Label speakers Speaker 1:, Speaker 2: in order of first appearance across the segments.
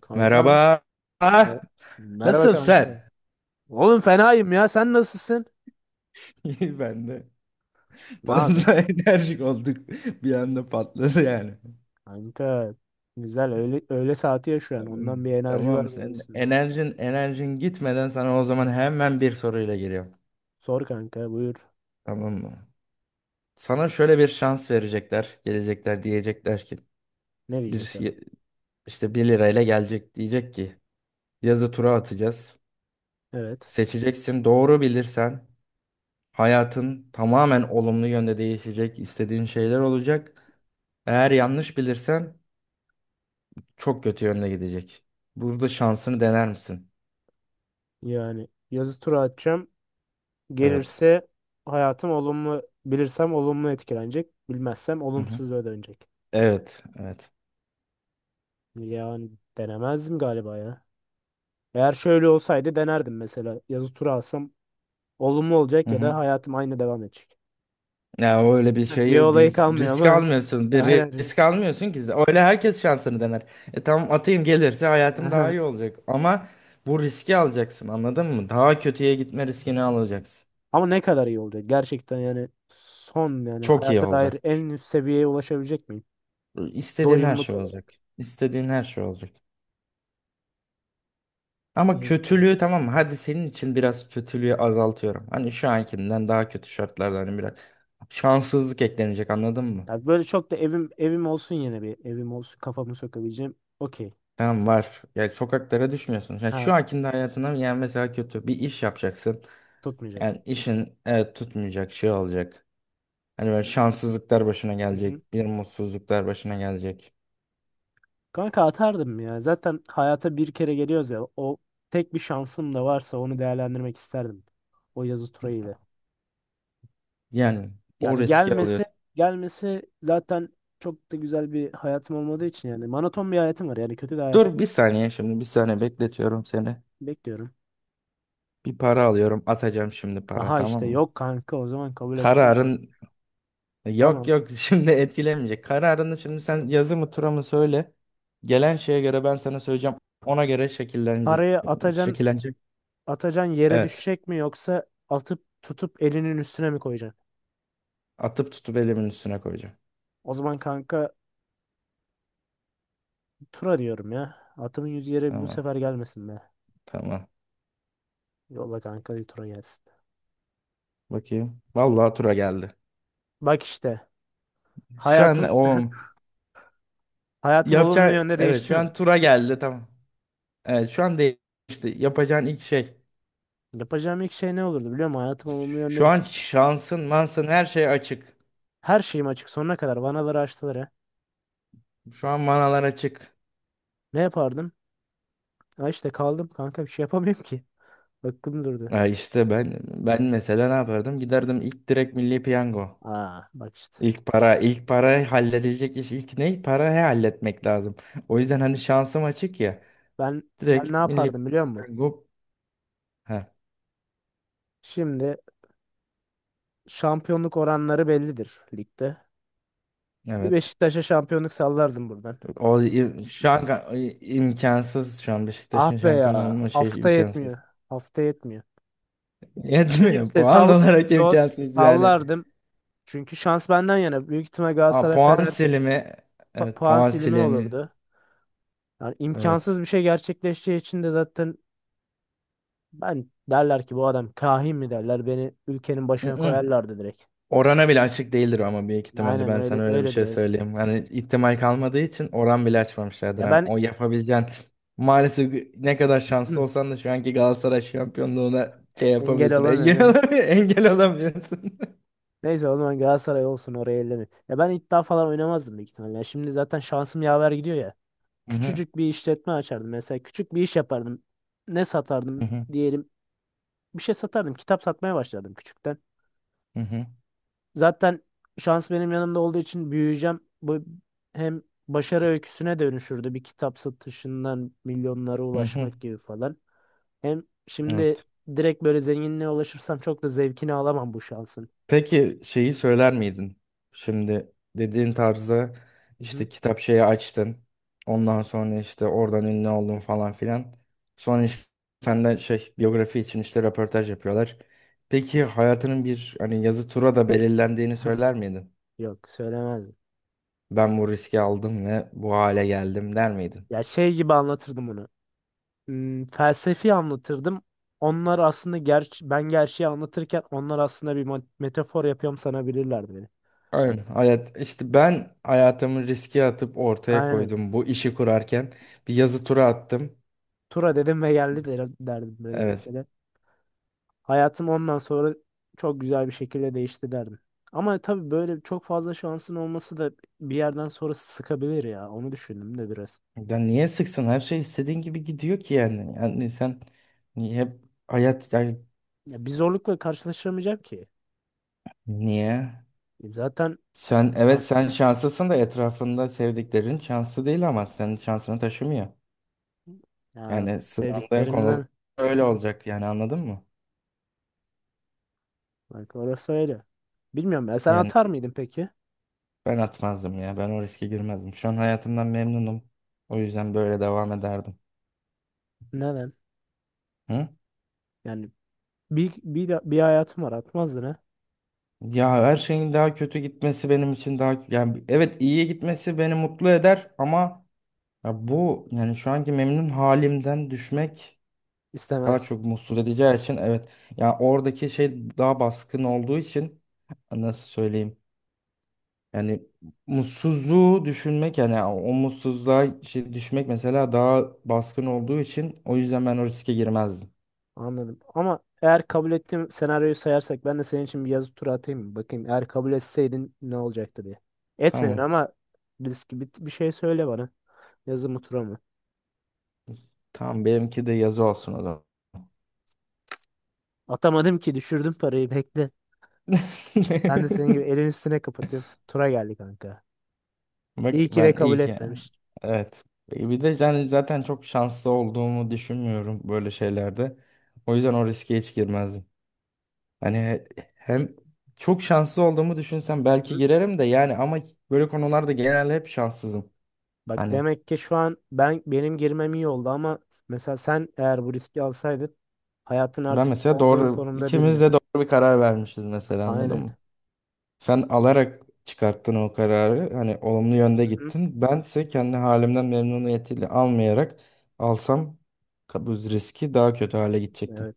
Speaker 1: Kankam.
Speaker 2: Merhaba.
Speaker 1: me-
Speaker 2: Ah,
Speaker 1: Merhaba
Speaker 2: nasılsın
Speaker 1: kanka.
Speaker 2: sen?
Speaker 1: Oğlum fenayım ya. Sen nasılsın?
Speaker 2: İyi ben de.
Speaker 1: Ne yapıyorsun?
Speaker 2: Fazla enerjik olduk. Bir anda patladı yani.
Speaker 1: Kanka. Güzel. Öğle saati ya şu an.
Speaker 2: Tamam.
Speaker 1: Ondan bir enerji
Speaker 2: Tamam,
Speaker 1: var benim
Speaker 2: sen
Speaker 1: üstümde.
Speaker 2: enerjin gitmeden sana o zaman hemen bir soruyla geliyorum.
Speaker 1: Sor kanka. Buyur.
Speaker 2: Tamam mı? Sana şöyle bir şans verecekler. Gelecekler, diyecekler ki
Speaker 1: Ne
Speaker 2: bir
Speaker 1: diyecekler?
Speaker 2: şey- işte bir lirayla gelecek, diyecek ki yazı tura atacağız.
Speaker 1: Evet.
Speaker 2: Seçeceksin, doğru bilirsen hayatın tamamen olumlu yönde değişecek, istediğin şeyler olacak. Eğer yanlış bilirsen çok kötü yönde gidecek. Burada şansını dener misin?
Speaker 1: Yani yazı tura atacağım.
Speaker 2: Evet.
Speaker 1: Gelirse hayatım olumlu. Bilirsem olumlu etkilenecek. Bilmezsem
Speaker 2: Hı hı.
Speaker 1: olumsuz dönecek.
Speaker 2: Evet. Evet.
Speaker 1: Yani denemezdim galiba ya. Eğer şöyle olsaydı denerdim mesela. Yazı tura alsam olumlu
Speaker 2: Hı
Speaker 1: olacak ya da
Speaker 2: hı.
Speaker 1: hayatım aynı devam edecek.
Speaker 2: Ya öyle bir
Speaker 1: Bir
Speaker 2: şeyi
Speaker 1: olayı
Speaker 2: bir
Speaker 1: kalmıyor
Speaker 2: risk
Speaker 1: ama
Speaker 2: almıyorsun. Bir
Speaker 1: hala
Speaker 2: risk
Speaker 1: risk.
Speaker 2: almıyorsun ki. Öyle herkes şansını dener. E tamam, atayım, gelirse hayatım daha
Speaker 1: Aha.
Speaker 2: iyi olacak. Ama bu riski alacaksın, anladın mı? Daha kötüye gitme riskini alacaksın.
Speaker 1: Ama ne kadar iyi olacak gerçekten yani son yani
Speaker 2: Çok iyi
Speaker 1: hayata
Speaker 2: olacak.
Speaker 1: dair en üst seviyeye ulaşabilecek miyim?
Speaker 2: İstediğin her
Speaker 1: Doyumluk
Speaker 2: şey
Speaker 1: olarak.
Speaker 2: olacak. İstediğin her şey olacak. Ama
Speaker 1: Hızlı tura.
Speaker 2: kötülüğü, tamam mı? Hadi, senin için biraz kötülüğü azaltıyorum. Hani şu ankinden daha kötü şartlarda, hani biraz şanssızlık eklenecek, anladın mı?
Speaker 1: Ya böyle çok da evim olsun, yine bir evim olsun, kafamı sokabileceğim. Okey.
Speaker 2: Tamam, var. Yani sokaklara düşmüyorsun. Yani
Speaker 1: Ha,
Speaker 2: şu ankinde hayatına yani mesela kötü bir iş yapacaksın.
Speaker 1: tutmayacak.
Speaker 2: Yani işin, evet, tutmayacak şey olacak. Hani böyle şanssızlıklar başına
Speaker 1: Hı hı.
Speaker 2: gelecek. Bir mutsuzluklar başına gelecek.
Speaker 1: Kanka, atardım ya. Zaten hayata bir kere geliyoruz ya. O tek bir şansım da varsa onu değerlendirmek isterdim. O yazı ile.
Speaker 2: Yani o
Speaker 1: Yani
Speaker 2: riski
Speaker 1: gelmesi
Speaker 2: alıyorsun.
Speaker 1: gelmesi zaten çok da güzel bir hayatım olmadığı için, yani monoton bir hayatım var. Yani kötü bir hayatı
Speaker 2: Dur bir saniye, şimdi bir saniye bekletiyorum seni.
Speaker 1: bekliyorum.
Speaker 2: Bir para alıyorum, atacağım şimdi para,
Speaker 1: Aha
Speaker 2: tamam
Speaker 1: işte,
Speaker 2: mı?
Speaker 1: yok kanka, o zaman kabul etmem. Bak.
Speaker 2: Kararın. Yok,
Speaker 1: Tamam.
Speaker 2: yok, şimdi etkilemeyecek. Kararını şimdi sen yazı mı tura mı söyle. Gelen şeye göre ben sana söyleyeceğim. Ona göre şekillenecek.
Speaker 1: Parayı atacan
Speaker 2: Şekillenecek.
Speaker 1: atacan yere
Speaker 2: Evet.
Speaker 1: düşecek mi, yoksa atıp tutup elinin üstüne mi koyacaksın?
Speaker 2: Atıp tutup elimin üstüne koyacağım.
Speaker 1: O zaman kanka, tura diyorum ya. Atımın yüzü yere bu
Speaker 2: Tamam.
Speaker 1: sefer gelmesin be.
Speaker 2: Tamam.
Speaker 1: Yolla kanka, bir tura gelsin.
Speaker 2: Bakayım. Vallahi tura geldi.
Speaker 1: Bak işte,
Speaker 2: Şu an
Speaker 1: hayatım
Speaker 2: o
Speaker 1: hayatım olumlu
Speaker 2: yapacağın,
Speaker 1: yönde
Speaker 2: evet,
Speaker 1: değişti
Speaker 2: şu
Speaker 1: mi?
Speaker 2: an tura geldi, tamam. Evet şu an değişti. Yapacağın ilk şey.
Speaker 1: Yapacağım ilk şey ne olurdu biliyor musun? Hayatım olumlu yönde.
Speaker 2: Şu an şansın, mansın, her şey açık.
Speaker 1: Her şeyim açık sonuna kadar. Vanaları açtılar ha.
Speaker 2: Şu an manalar açık.
Speaker 1: Ne yapardım? Ha işte kaldım kanka, bir şey yapamıyorum ki. Aklım durdu.
Speaker 2: Ha, işte ben mesela ne yapardım? Giderdim ilk direkt Milli Piyango.
Speaker 1: Aa, bak işte.
Speaker 2: İlk para, ilk para halledilecek iş, ilk ne? Parayı halletmek lazım. O yüzden hani şansım açık ya.
Speaker 1: Ben ben ne
Speaker 2: Direkt Milli
Speaker 1: yapardım biliyor musun?
Speaker 2: Piyango, ha,
Speaker 1: Şimdi şampiyonluk oranları bellidir ligde. Bir
Speaker 2: evet.
Speaker 1: Beşiktaş'a şampiyonluk sallardım buradan.
Speaker 2: O i- şu an ka- imkansız, şu an
Speaker 1: Ah
Speaker 2: Beşiktaş'ın
Speaker 1: be
Speaker 2: şampiyon
Speaker 1: ya.
Speaker 2: olma şey,
Speaker 1: Hafta yetmiyor.
Speaker 2: imkansız.
Speaker 1: Hafta yetmiyor. Şimdi
Speaker 2: Yetmiyor.
Speaker 1: işte
Speaker 2: Puan olarak imkansız yani.
Speaker 1: sallardım. Çünkü şans benden yana. Büyük ihtimal
Speaker 2: Aa,
Speaker 1: Galatasaray
Speaker 2: puan
Speaker 1: Fener
Speaker 2: silimi. Evet,
Speaker 1: puan
Speaker 2: puan
Speaker 1: silimi
Speaker 2: silimi.
Speaker 1: olurdu. Yani imkansız
Speaker 2: Evet.
Speaker 1: bir şey gerçekleşeceği için de zaten ben, derler ki bu adam kahin mi, derler, beni ülkenin
Speaker 2: Hı
Speaker 1: başına
Speaker 2: hı.
Speaker 1: koyarlardı direkt.
Speaker 2: Orana bile açık değildir ama büyük ihtimalle
Speaker 1: Aynen
Speaker 2: ben sana
Speaker 1: öyle,
Speaker 2: öyle bir
Speaker 1: öyledir
Speaker 2: şey
Speaker 1: öyledir.
Speaker 2: söyleyeyim. Hani ihtimal kalmadığı için oran bile açmamışlardır.
Speaker 1: Ya
Speaker 2: Hani
Speaker 1: ben
Speaker 2: o yapabileceğin maalesef ne kadar şanslı olsan da şu anki Galatasaray şampiyonluğuna şey
Speaker 1: engel
Speaker 2: yapamıyorsun. Engel
Speaker 1: olamıyorum.
Speaker 2: olamıyorsun. Engel olamıyorsun.
Speaker 1: Neyse, o zaman Galatasaray olsun, oraya elleme. Ya ben iddia falan oynamazdım büyük ihtimalle. Ya şimdi zaten şansım yaver gidiyor ya.
Speaker 2: Hı hı,
Speaker 1: Küçücük bir işletme açardım mesela. Küçük bir iş yapardım. Ne satardım
Speaker 2: hı hı,
Speaker 1: diyelim. Bir şey satardım. Kitap satmaya başlardım küçükten.
Speaker 2: hı hı,
Speaker 1: Zaten şans benim yanımda olduğu için büyüyeceğim. Bu hem başarı öyküsüne dönüşürdü. Bir kitap satışından milyonlara
Speaker 2: hı hı.
Speaker 1: ulaşmak gibi falan. Hem şimdi
Speaker 2: Evet.
Speaker 1: direkt böyle zenginliğe ulaşırsam çok da zevkini alamam bu şansın.
Speaker 2: Peki şeyi söyler miydin? Şimdi dediğin tarzda
Speaker 1: Hı hı.
Speaker 2: işte kitap şeyi açtın. Ondan sonra işte oradan ünlü oldun falan filan. Sonra işte senden şey biyografi için işte röportaj yapıyorlar. Peki hayatının bir hani yazı tura da belirlendiğini söyler miydin?
Speaker 1: Yok, söylemezdim.
Speaker 2: Ben bu riski aldım ve bu hale geldim der miydin?
Speaker 1: Ya şey gibi anlatırdım onu. Felsefi anlatırdım. Onlar aslında, gerçi ben gerçeği anlatırken, onlar aslında bir metafor yapıyorum sanabilirlerdi beni.
Speaker 2: Aynen
Speaker 1: Hani,
Speaker 2: hayat işte, ben hayatımı riske atıp ortaya
Speaker 1: aynen.
Speaker 2: koydum bu işi kurarken bir yazı tura attım.
Speaker 1: Tura dedim ve geldi derdim böyle
Speaker 2: Evet.
Speaker 1: mesela. Hayatım ondan sonra çok güzel bir şekilde değişti derdim. Ama tabii böyle çok fazla şansın olması da bir yerden sonra sıkabilir ya. Onu düşündüm de biraz.
Speaker 2: Ya niye sıksın? Her şey istediğin gibi gidiyor ki yani. Yani sen niye hep hayat yani
Speaker 1: Ya bir zorlukla karşılaşamayacağım ki.
Speaker 2: niye?
Speaker 1: Zaten
Speaker 2: Sen, evet, sen
Speaker 1: şansın.
Speaker 2: şanslısın da etrafında sevdiklerin şanslı değil, ama senin şansını taşımıyor.
Speaker 1: Ya
Speaker 2: Yani sınandığın konu
Speaker 1: sevdiklerimden.
Speaker 2: öyle olacak yani, anladın mı?
Speaker 1: Bak orası öyle. Bilmiyorum ya, sen
Speaker 2: Yani
Speaker 1: atar mıydın peki?
Speaker 2: ben atmazdım ya, ben o riske girmezdim. Şu an hayatımdan memnunum. O yüzden böyle devam ederdim.
Speaker 1: Neden?
Speaker 2: Hı?
Speaker 1: Yani bir hayatım var, atmazdın ha.
Speaker 2: Ya her şeyin daha kötü gitmesi benim için daha yani, evet, iyiye gitmesi beni mutlu eder ama ya bu yani şu anki memnun halimden düşmek daha
Speaker 1: İstemez.
Speaker 2: çok mutsuz edeceği için, evet. Ya oradaki şey daha baskın olduğu için nasıl söyleyeyim? Yani mutsuzluğu düşünmek yani, o mutsuzluğa şey düşmek mesela daha baskın olduğu için, o yüzden ben o riske girmezdim.
Speaker 1: Anladım. Ama eğer kabul ettiğim senaryoyu sayarsak, ben de senin için bir yazı turu atayım mı? Bakayım, eğer kabul etseydin ne olacaktı diye. Etmedin
Speaker 2: Tamam.
Speaker 1: ama risk. Bir şey söyle bana. Yazı mı, tura mı?
Speaker 2: Tamam, benimki de yazı olsun o zaman.
Speaker 1: Atamadım ki, düşürdüm parayı, bekle. Ben de senin gibi elin üstüne kapatıyorum. Tura geldi kanka.
Speaker 2: Bak
Speaker 1: İyi ki
Speaker 2: ben
Speaker 1: de kabul
Speaker 2: iyi ki.
Speaker 1: etmemiş.
Speaker 2: Evet. E, bir de yani zaten çok şanslı olduğumu düşünmüyorum böyle şeylerde. O yüzden o riske hiç girmezdim. Hani he- hem çok şanslı olduğumu düşünsem
Speaker 1: Hı
Speaker 2: belki
Speaker 1: hı.
Speaker 2: girerim de yani, ama böyle konularda genelde hep şanssızım.
Speaker 1: Bak
Speaker 2: Hani
Speaker 1: demek ki şu an benim girmem iyi oldu, ama mesela sen eğer bu riski alsaydın, hayatın
Speaker 2: ben
Speaker 1: artık
Speaker 2: mesela
Speaker 1: olduğun
Speaker 2: doğru,
Speaker 1: konumda
Speaker 2: ikimiz
Speaker 1: değildin.
Speaker 2: de doğru bir karar vermişiz mesela, anladın
Speaker 1: Aynen.
Speaker 2: mı? Sen alarak çıkarttın o kararı. Hani olumlu yönde
Speaker 1: Hı hı.
Speaker 2: gittin. Bense kendi halimden memnuniyetiyle almayarak alsam bu riski daha kötü hale gidecektim.
Speaker 1: Evet.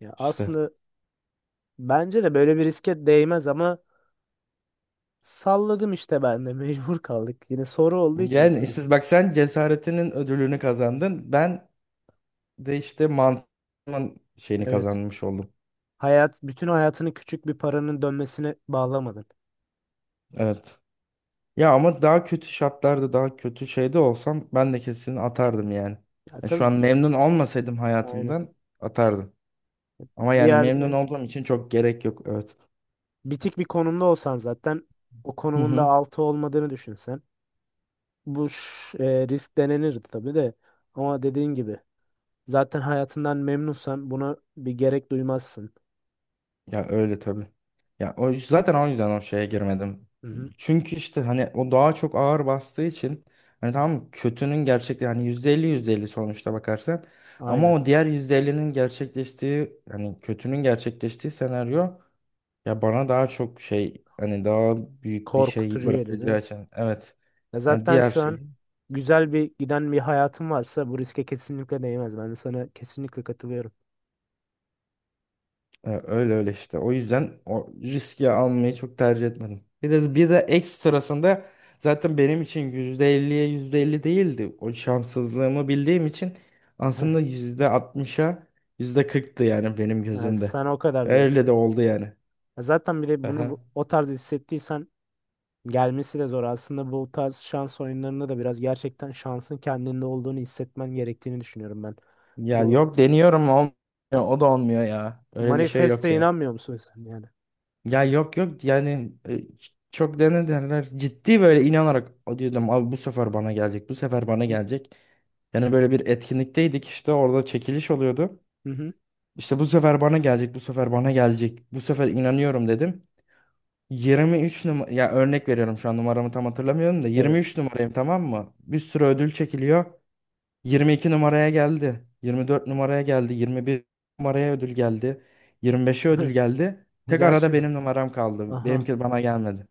Speaker 1: Ya
Speaker 2: İşte.
Speaker 1: aslında bence de böyle bir riske değmez, ama salladım işte ben de. Mecbur kaldık. Yine soru olduğu için
Speaker 2: Yani
Speaker 1: tabii.
Speaker 2: işte bak sen cesaretinin ödülünü kazandın. Ben de işte mantığımın şeyini
Speaker 1: Evet.
Speaker 2: kazanmış oldum.
Speaker 1: Hayat, bütün hayatını küçük bir paranın dönmesine bağlamadın.
Speaker 2: Evet. Ya ama daha kötü şartlarda daha kötü şeyde olsam ben de kesin atardım yani.
Speaker 1: Ya
Speaker 2: Ya şu an
Speaker 1: tabii,
Speaker 2: memnun olmasaydım
Speaker 1: aynı.
Speaker 2: hayatımdan atardım. Ama
Speaker 1: Bir
Speaker 2: yani memnun
Speaker 1: yerde
Speaker 2: olduğum için çok gerek yok. Evet.
Speaker 1: bitik bir konumda olsan, zaten o
Speaker 2: Hı
Speaker 1: konumunda
Speaker 2: hı.
Speaker 1: altı olmadığını düşünsen, risk denenirdi tabii de, ama dediğin gibi, zaten hayatından memnunsan buna bir gerek duymazsın.
Speaker 2: Ya öyle tabii. Ya o zaten o yüzden o şeye girmedim.
Speaker 1: Hı hı.
Speaker 2: Çünkü işte hani o daha çok ağır bastığı için, hani tamam, kötünün gerçekte hani %50 %50 sonuçta bakarsan ama
Speaker 1: Aynen.
Speaker 2: o diğer %50'nin gerçekleştiği, hani kötünün gerçekleştiği senaryo ya bana daha çok şey, hani daha büyük bir şey
Speaker 1: Korkutucu geliyor değil
Speaker 2: bırakacağı
Speaker 1: mi?
Speaker 2: için, evet.
Speaker 1: Ya
Speaker 2: Yani
Speaker 1: zaten
Speaker 2: diğer
Speaker 1: şu an
Speaker 2: şey.
Speaker 1: güzel bir giden bir hayatın varsa bu riske kesinlikle değmez. Ben de sana kesinlikle katılıyorum.
Speaker 2: Ya öyle öyle işte. O yüzden o riski almayı çok tercih etmedim. Bir de ekstrasında zaten benim için yüzde elliye %50 değildi. O şanssızlığımı bildiğim için aslında %60'a %40'tı yani benim
Speaker 1: Yani
Speaker 2: gözümde.
Speaker 1: sana o kadar diyorsun.
Speaker 2: Öyle de oldu yani.
Speaker 1: Ya zaten bir de bunu
Speaker 2: Aha.
Speaker 1: o tarz hissettiysen gelmesi de zor. Aslında bu tarz şans oyunlarında da biraz gerçekten şansın kendinde olduğunu hissetmen gerektiğini düşünüyorum ben.
Speaker 2: Ya
Speaker 1: Bu
Speaker 2: yok, deniyorum olmuyor. O da olmuyor ya. Öyle bir şey
Speaker 1: manifeste
Speaker 2: yok yani.
Speaker 1: inanmıyor musun sen yani?
Speaker 2: Ya yok yok yani çok denediler. Ciddi böyle inanarak "O," diyordum, abi bu sefer bana gelecek, bu sefer bana gelecek. Yani böyle bir etkinlikteydik işte, orada çekiliş oluyordu.
Speaker 1: Hı hı.
Speaker 2: İşte bu sefer bana gelecek, bu sefer bana gelecek. Bu sefer inanıyorum, dedim. 23 numara ya, örnek veriyorum, şu an numaramı tam hatırlamıyorum da
Speaker 1: Evet.
Speaker 2: 23 numarayım, tamam mı? Bir sürü ödül çekiliyor. 22 numaraya geldi. 24 numaraya geldi. 21 numaraya ödül geldi. 25'e ödül geldi. Tek arada
Speaker 1: Gerçekten.
Speaker 2: benim numaram kaldı.
Speaker 1: Aha.
Speaker 2: Benimki bana gelmedi.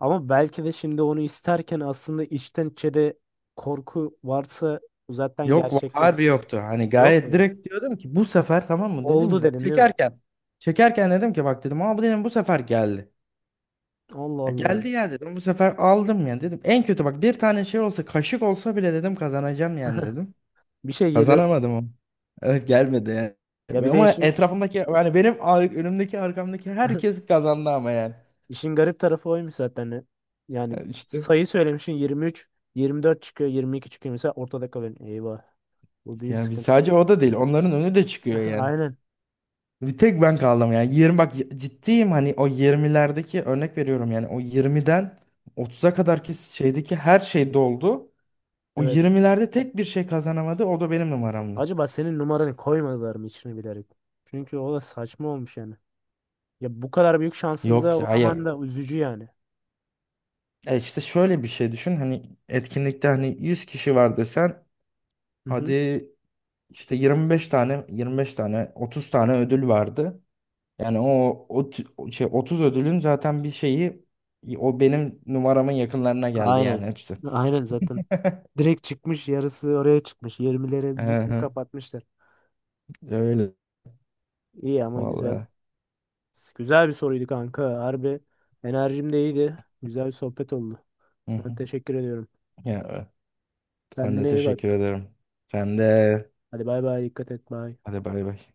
Speaker 1: Ama belki de şimdi onu isterken aslında içten içe de korku varsa bu zaten
Speaker 2: Yok harbi
Speaker 1: gerçekleşmiyor.
Speaker 2: yoktu. Hani
Speaker 1: Yok
Speaker 2: gayet
Speaker 1: mu?
Speaker 2: direkt diyordum ki bu sefer, tamam mı, dedim
Speaker 1: Oldu
Speaker 2: ki
Speaker 1: dedin değil mi?
Speaker 2: çekerken. Çekerken dedim ki bak, dedim, ama bu, dedim, bu sefer geldi.
Speaker 1: Allah
Speaker 2: Ya
Speaker 1: Allah.
Speaker 2: geldi ya, dedim, bu sefer aldım ya, dedim. En kötü, bak, bir tane şey olsa, kaşık olsa bile, dedim, kazanacağım yani, dedim.
Speaker 1: Bir şey geliyor.
Speaker 2: Kazanamadım onu. Evet gelmedi
Speaker 1: Ya
Speaker 2: yani.
Speaker 1: bir de
Speaker 2: Ama
Speaker 1: işin
Speaker 2: etrafımdaki yani önümdeki arkamdaki herkes kazandı ama yani.
Speaker 1: işin garip tarafı oymuş zaten. Yani
Speaker 2: Yani işte
Speaker 1: sayı söylemişsin 23, 24 çıkıyor, 22 çıkıyor. Mesela ortada kalıyorsun. Eyvah. Bu büyük
Speaker 2: yani
Speaker 1: sıkıntı.
Speaker 2: sadece o da değil, onların önü de çıkıyor yani.
Speaker 1: Aynen.
Speaker 2: Bir tek ben kaldım yani. 20, bak ciddiyim, hani o yirmilerdeki örnek veriyorum yani, o 20'den 30'a kadarki şeydeki her şey doldu. O
Speaker 1: Evet.
Speaker 2: yirmilerde tek bir şey kazanamadı, o da benim numaramdı.
Speaker 1: Acaba senin numaranı koymadılar mı içine bilerek? Çünkü o da saçma olmuş yani. Ya bu kadar büyük şanssızlığa
Speaker 2: Yok hayır.
Speaker 1: uğraman da üzücü yani.
Speaker 2: E işte şöyle bir şey düşün hani, etkinlikte hani 100 kişi var desen
Speaker 1: Hı hı.
Speaker 2: hadi, İşte 25 tane, 25 tane, 30 tane ödül vardı. Yani o şey, 30 ödülün zaten bir şeyi o benim numaramın yakınlarına geldi
Speaker 1: Aynen.
Speaker 2: yani, hepsi.
Speaker 1: Aynen zaten. Direkt çıkmış, yarısı oraya çıkmış.
Speaker 2: Hı
Speaker 1: 20'lere bütün
Speaker 2: hı.
Speaker 1: kapatmışlar.
Speaker 2: Öyle
Speaker 1: İyi ama güzel.
Speaker 2: vallahi.
Speaker 1: Güzel bir soruydu kanka. Harbi enerjim de iyiydi. Güzel bir sohbet oldu.
Speaker 2: Hı
Speaker 1: Sana
Speaker 2: hı.
Speaker 1: teşekkür ediyorum.
Speaker 2: Ya ben de
Speaker 1: Kendine iyi
Speaker 2: teşekkür
Speaker 1: bak.
Speaker 2: ederim. Sen de,
Speaker 1: Hadi bay bay, dikkat et, bay.
Speaker 2: hadi bay bay.